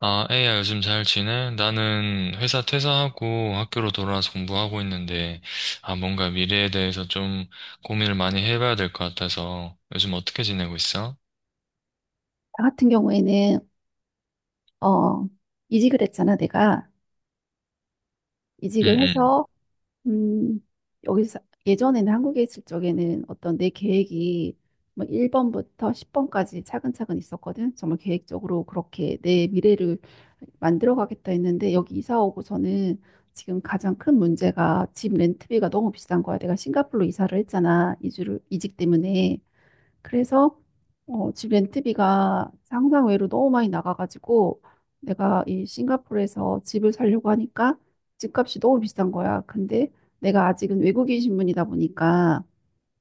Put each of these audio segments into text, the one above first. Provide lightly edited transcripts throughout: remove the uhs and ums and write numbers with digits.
아, 에이야, 요즘 잘 지내? 나는 회사 퇴사하고 학교로 돌아와서 공부하고 있는데, 아, 뭔가 미래에 대해서 좀 고민을 많이 해봐야 될 것 같아서, 요즘 어떻게 지내고 있어? 나 같은 경우에는 어 이직을 했잖아, 내가. 응, 이직을 응, 해서 음 여기서, 예전에는 한국에 있을 적에는 어떤 내 계획이 뭐 1번부터 10번까지 차근차근 있었거든. 정말 계획적으로 그렇게 내 미래를 만들어 가겠다 했는데, 여기 이사 오고서는 지금 가장 큰 문제가 집 렌트비가 너무 비싼 거야. 내가 싱가포르로 이사를 했잖아, 이주를, 이직 때문에. 그래서 집 렌트비가 상상 외로 너무 많이 나가가지고 내가 이 싱가포르에서 집을 살려고 하니까 집값이 너무 비싼 거야. 근데 내가 아직은 외국인 신분이다 보니까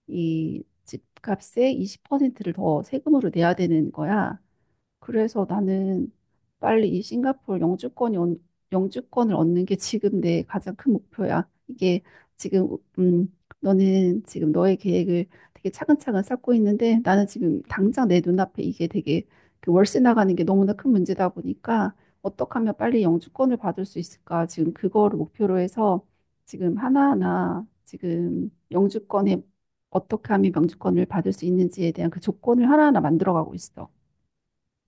이 집값의 20%를 더 세금으로 내야 되는 거야. 그래서 나는 빨리 이 싱가포르 영주권이, 영주권을 얻는 게 지금 내 가장 큰 목표야. 이게 지금 음 너는 지금 너의 계획을 되게 차근차근 쌓고 있는데, 나는 지금 당장 내 눈앞에 이게 되게, 그 월세 나가는 게 너무나 큰 문제다 보니까 어떻게 하면 빨리 영주권을 받을 수 있을까, 지금 그거를 목표로 해서 지금 하나하나, 지금 영주권에 어떻게 하면 영주권을 받을 수 있는지에 대한 그 조건을 하나하나 만들어가고 있어.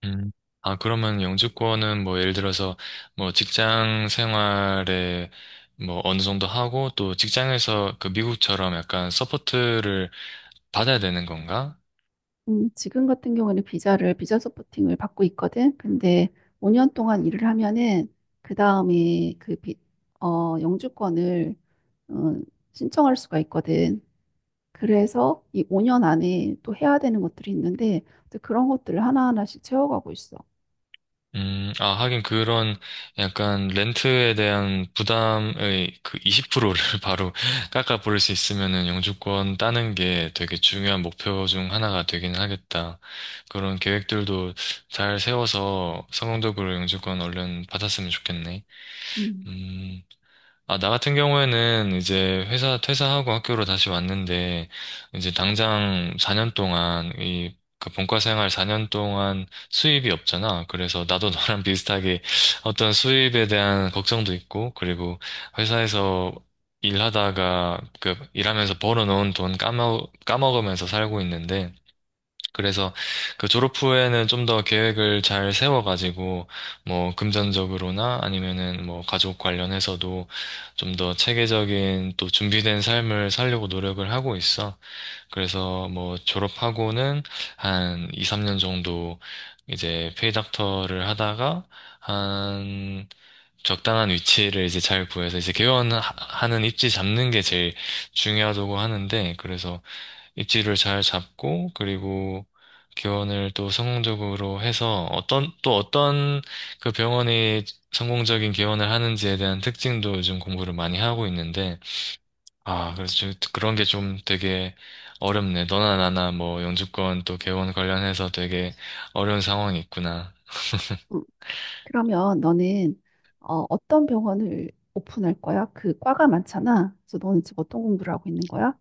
응. 아, 그러면 영주권은 뭐 예를 들어서 뭐 직장 생활에 뭐 어느 정도 하고 또 직장에서 그 미국처럼 약간 서포트를 받아야 되는 건가? 지금 같은 경우에는 비자를, 비자 서포팅을 받고 있거든. 근데 5년 동안 일을 하면은, 그 다음에 그 영주권을, 어, 신청할 수가 있거든. 그래서 이 5년 안에 또 해야 되는 것들이 있는데, 또 그런 것들을 하나하나씩 채워가고 있어. 아, 하긴 그런 약간 렌트에 대한 부담의 그 20%를 바로 깎아버릴 수 있으면은 영주권 따는 게 되게 중요한 목표 중 하나가 되긴 하겠다. 그런 계획들도 잘 세워서 성공적으로 영주권 얼른 받았으면 좋겠네. 음, 음, 아, 나 같은 경우에는 이제 회사 퇴사하고 학교로 다시 왔는데, 이제 당장 4년 동안, 이, 그 본과 생활 4년 동안 수입이 없잖아. 그래서 나도 너랑 비슷하게 어떤 수입에 대한 걱정도 있고, 그리고 회사에서 일하다가, 그, 일하면서 벌어놓은 돈 까먹으면서 살고 있는데, 그래서 그 졸업 후에는 좀 더 계획을 잘 세워가지고 뭐 금전적으로나 아니면은 뭐 가족 관련해서도 좀 더 체계적인 또 준비된 삶을 살려고 노력을 하고 있어. 그래서 뭐 졸업하고는 한 2, 3년 정도 이제 페이닥터를 하다가 한 적당한 위치를 이제 잘 구해서 이제 개원하는 입지 잡는 게 제일 중요하다고 하는데, 그래서 입지를 잘 잡고, 그리고 개원을 또 성공적으로 해서 어떤 또 어떤 그 병원이 성공적인 개원을 하는지에 대한 특징도 요즘 공부를 많이 하고 있는데, 아 그래서 그런 게 좀 되게 어렵네. 너나 나나 뭐 영주권 또 개원 관련해서 되게 어려운 상황이 있구나. 음. 그러면 너는, 어떤 병원을 오픈할 거야? 그 과가 많잖아. 그래서 너는 지금 어떤 공부를 하고 있는 거야?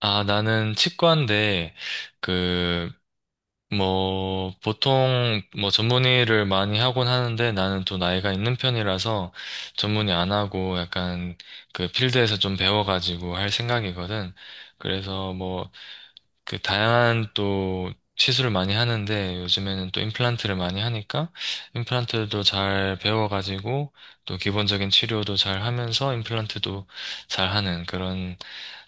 아 나는 치과인데 그 뭐, 보통, 뭐, 전문의를 많이 하곤 하는데, 나는 또 나이가 있는 편이라서 전문의 안 하고 약간 그 필드에서 좀 배워가지고 할 생각이거든. 그래서 뭐, 그 다양한 또 시술을 많이 하는데, 요즘에는 또 임플란트를 많이 하니까 임플란트도 잘 배워가지고 또 기본적인 치료도 잘 하면서 임플란트도 잘 하는 그런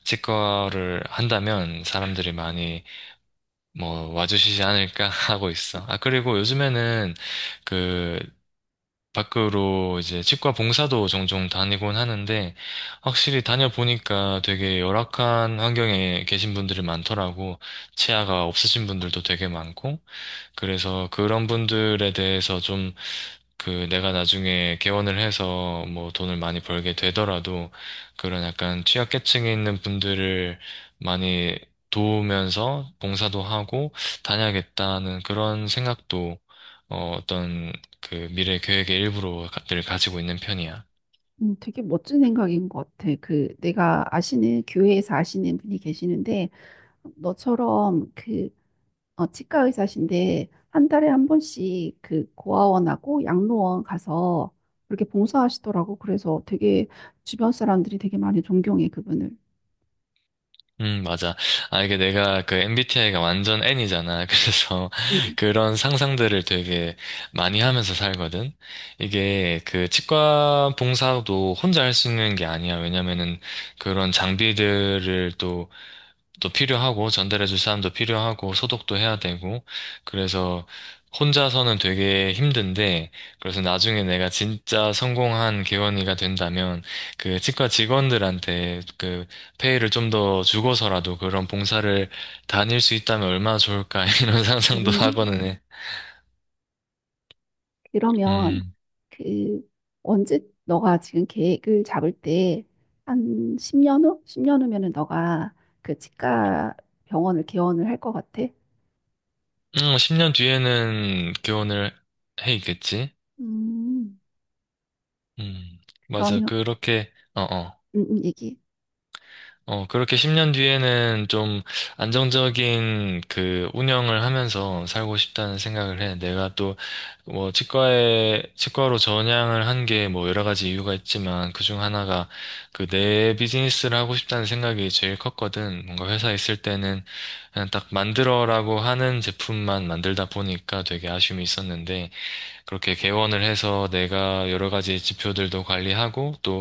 치과를 한다면 사람들이 많이 뭐 와주시지 않을까 하고 있어. 아, 그리고 요즘에는 그 밖으로 이제 치과 봉사도 종종 다니곤 하는데, 확실히 다녀보니까 되게 열악한 환경에 계신 분들이 많더라고. 치아가 없으신 분들도 되게 많고. 그래서 그런 분들에 대해서 그 내가 나중에 개원을 해서 뭐 돈을 많이 벌게 되더라도 그런 약간 취약계층에 있는 분들을 많이 도우면서 봉사도 하고 다녀야겠다는 그런 생각도, 어떤 그 미래 계획의 일부로 늘 가지고 있는 편이야. 되게 멋진 생각인 것 같아. 그 내가 아시는 교회에서 아시는 분이 계시는데, 너처럼 그, 치과 의사신데 한 달에 한 번씩 그 고아원하고 양로원 가서 그렇게 봉사하시더라고. 그래서 되게 주변 사람들이 되게 많이 존경해, 그분을. 맞아. 아, 이게 내가 그 MBTI가 완전 N이잖아. 그래서 음, 그런 상상들을 되게 많이 하면서 살거든. 이게 그 치과 봉사도 혼자 할 수 있는 게 아니야. 왜냐면은 그런 장비들을 또 필요하고, 전달해줄 사람도 필요하고, 소독도 해야 되고, 그래서 혼자서는 되게 힘든데, 그래서 나중에 내가 진짜 성공한 개원이가 된다면 그 치과 직원들한테 그 페이를 좀 더 주고서라도 그런 봉사를 다닐 수 있다면 얼마나 좋을까 이런 상상도 음. 하고는 해. 그러면 음, 그 언제, 너가 지금 계획을 잡을 때 한 10년 후? 10년 후면은 너가 그 치과 병원을 개원을 할 것 같아? 10년 뒤에는 개원을 해 있겠지? 음, 음, 맞아. 그러면, 그렇게, 어어. 얘기해. 그렇게 10년 뒤에는 좀 안정적인 그 운영을 하면서 살고 싶다는 생각을 해. 내가 또 뭐 치과로 전향을 한 게 뭐 여러 가지 이유가 있지만 그 중 하나가 그 내 비즈니스를 하고 싶다는 생각이 제일 컸거든. 뭔가 회사에 있을 때는 그냥 딱 만들어라고 하는 제품만 만들다 보니까 되게 아쉬움이 있었는데, 그렇게 개원을 해서 내가 여러 가지 지표들도 관리하고 또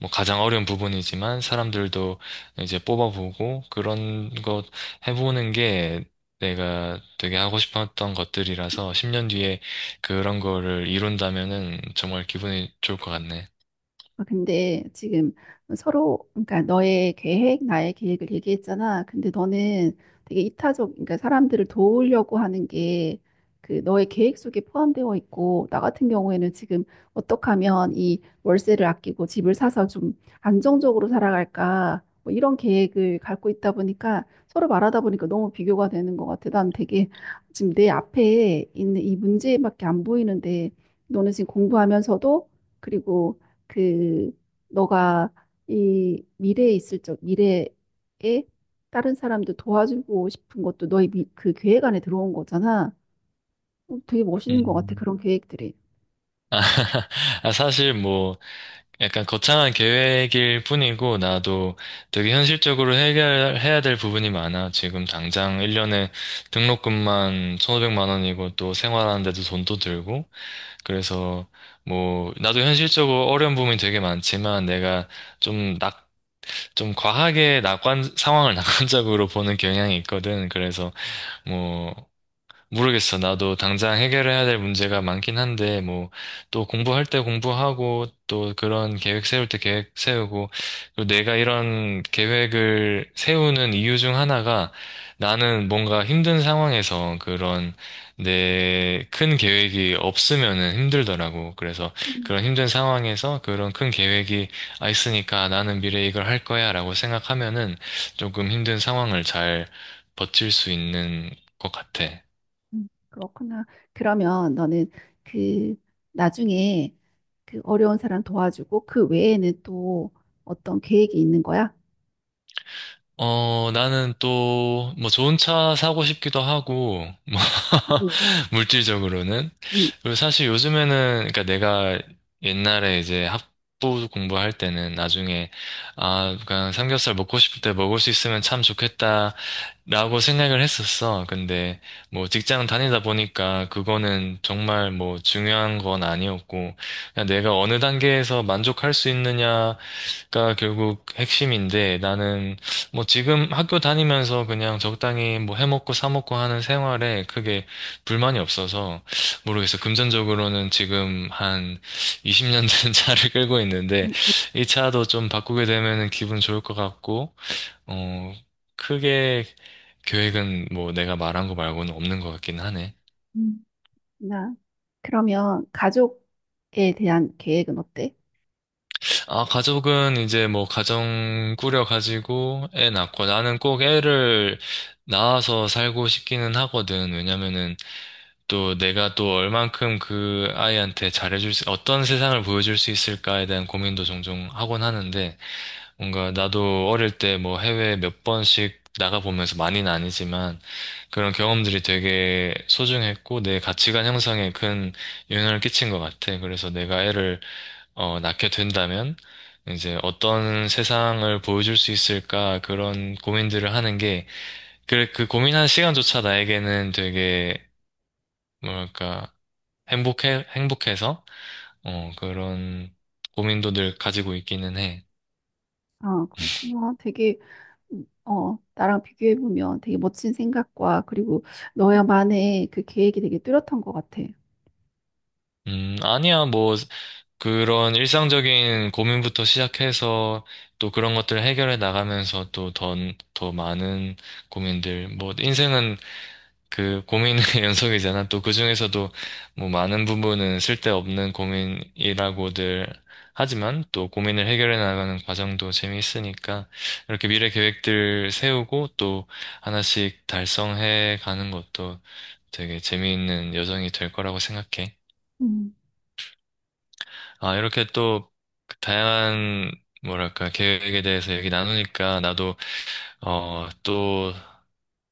뭐 가장 어려운 부분이지만 사람들도 이제 뽑아보고 그런 것 해보는 게 내가 되게 하고 싶었던 것들이라서 10년 뒤에 그런 거를 이룬다면은 정말 기분이 좋을 것 같네. 아, 근데 지금 서로, 그러니까 너의 계획, 나의 계획을 얘기했잖아. 근데 너는 되게 이타적, 그러니까 사람들을 도우려고 하는 게 그 너의 계획 속에 포함되어 있고, 나 같은 경우에는 지금 어떻게 하면 이 월세를 아끼고 집을 사서 좀 안정적으로 살아갈까, 뭐 이런 계획을 갖고 있다 보니까, 서로 말하다 보니까 너무 비교가 되는 것 같아. 난 되게 지금 내 앞에 있는 이 문제밖에 안 보이는데, 너는 지금 공부하면서도, 그리고 그 너가 이 미래에 있을 적, 미래에 다른 사람도 도와주고 싶은 것도 너의 미, 그 계획 안에 들어온 거잖아. 어, 되게 멋있는 것 같아, 음. 그런 계획들이. 아, 아, 사실 뭐, 약간 거창한 계획일 뿐이고, 나도 되게 현실적으로 해결해야 될 부분이 많아. 지금 당장 1년에 등록금만 1,500만 원이고, 또 생활하는데도 돈도 들고, 그래서 뭐, 나도 현실적으로 어려운 부분이 되게 많지만, 내가 좀 낙, 좀 과하게 상황을 낙관적으로 보는 경향이 있거든. 그래서 뭐, 모르겠어. 나도 당장 해결해야 될 문제가 많긴 한데, 뭐, 또 공부할 때 공부하고, 또 그런 계획 세울 때 계획 세우고, 또 내가 이런 계획을 세우는 이유 중 하나가, 나는 뭔가 힘든 상황에서 그런 내 큰 계획이 없으면은 힘들더라고. 그래서 음, 그런 힘든 상황에서 그런 큰 계획이 있으니까 나는 미래에 이걸 할 거야 라고 생각하면은 조금 힘든 상황을 잘 버틸 수 있는 것 같아. 그렇구나. 그러면 너는 그 나중에 그 어려운 사람 도와주고 그 외에는 또 어떤 계획이 있는 거야? 나는 또, 뭐, 좋은 차 사고 싶기도 하고, 뭐, 네. 물질적으로는. 음, 그리고 사실 요즘에는, 그러니까 내가 옛날에 이제 학부 공부할 때는 나중에, 그냥 삼겹살 먹고 싶을 때 먹을 수 있으면 참 좋겠다, 라고 생각을 했었어. 근데, 뭐, 직장 다니다 보니까 그거는 정말 뭐, 중요한 건 아니었고, 그냥 내가 어느 단계에서 만족할 수 있느냐, 가 결국 핵심인데, 나는 뭐 지금 학교 다니면서 그냥 적당히 뭐 해먹고 사먹고 하는 생활에 크게 불만이 없어서 모르겠어. 금전적으로는 지금 한 20년 된 차를 끌고 있는데, 음, 음. 이 차도 좀 바꾸게 되면은 기분 좋을 것 같고, 어 크게 계획은 뭐 내가 말한 거 말고는 없는 것 같긴 하네. 음. 나, 그러면 가족에 대한 계획은 어때? 아, 가족은 이제 뭐 가정 꾸려가지고 애 낳고, 나는 꼭 애를 낳아서 살고 싶기는 하거든. 왜냐면은 또 내가 또 얼만큼 그 아이한테 잘해줄 수, 어떤 세상을 보여줄 수 있을까에 대한 고민도 종종 하곤 하는데, 뭔가 나도 어릴 때 뭐 해외 몇 번씩 나가보면서, 많이는 아니지만 그런 경험들이 되게 소중했고 내 가치관 형성에 큰 영향을 끼친 것 같아. 그래서 내가 애를 낳게 된다면 이제 어떤 세상을 보여줄 수 있을까, 그런 고민들을 하는 게, 그 고민하는 시간조차 나에게는 되게, 뭐랄까, 행복해서, 그런 고민도 늘 가지고 있기는 해. 아, 그렇구나. 되게 나랑 비교해보면 되게 멋진 생각과, 그리고 너야만의 그 계획이 되게 뚜렷한 것 같아. 아니야, 뭐, 그런 일상적인 고민부터 시작해서 또 그런 것들을 해결해 나가면서 또 더 많은 고민들, 뭐, 인생은 그 고민의 연속이잖아. 또 그중에서도 뭐 많은 부분은 쓸데없는 고민이라고들 하지만, 또 고민을 해결해 나가는 과정도 재미있으니까 이렇게 미래 계획들 세우고 또 하나씩 달성해 가는 것도 되게 재미있는 여정이 될 거라고 생각해. 음. 아, 이렇게 또 다양한 뭐랄까 계획에 대해서 얘기 나누니까 나도, 또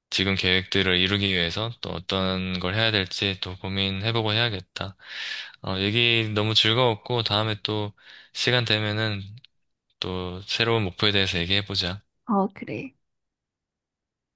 지금 계획들을 이루기 위해서 또 어떤 걸 해야 될지 또 고민해보고 해야겠다. 얘기 너무 즐거웠고, 다음에 또 시간 되면은 또 새로운 목표에 대해서 얘기해보자. 어, 그래.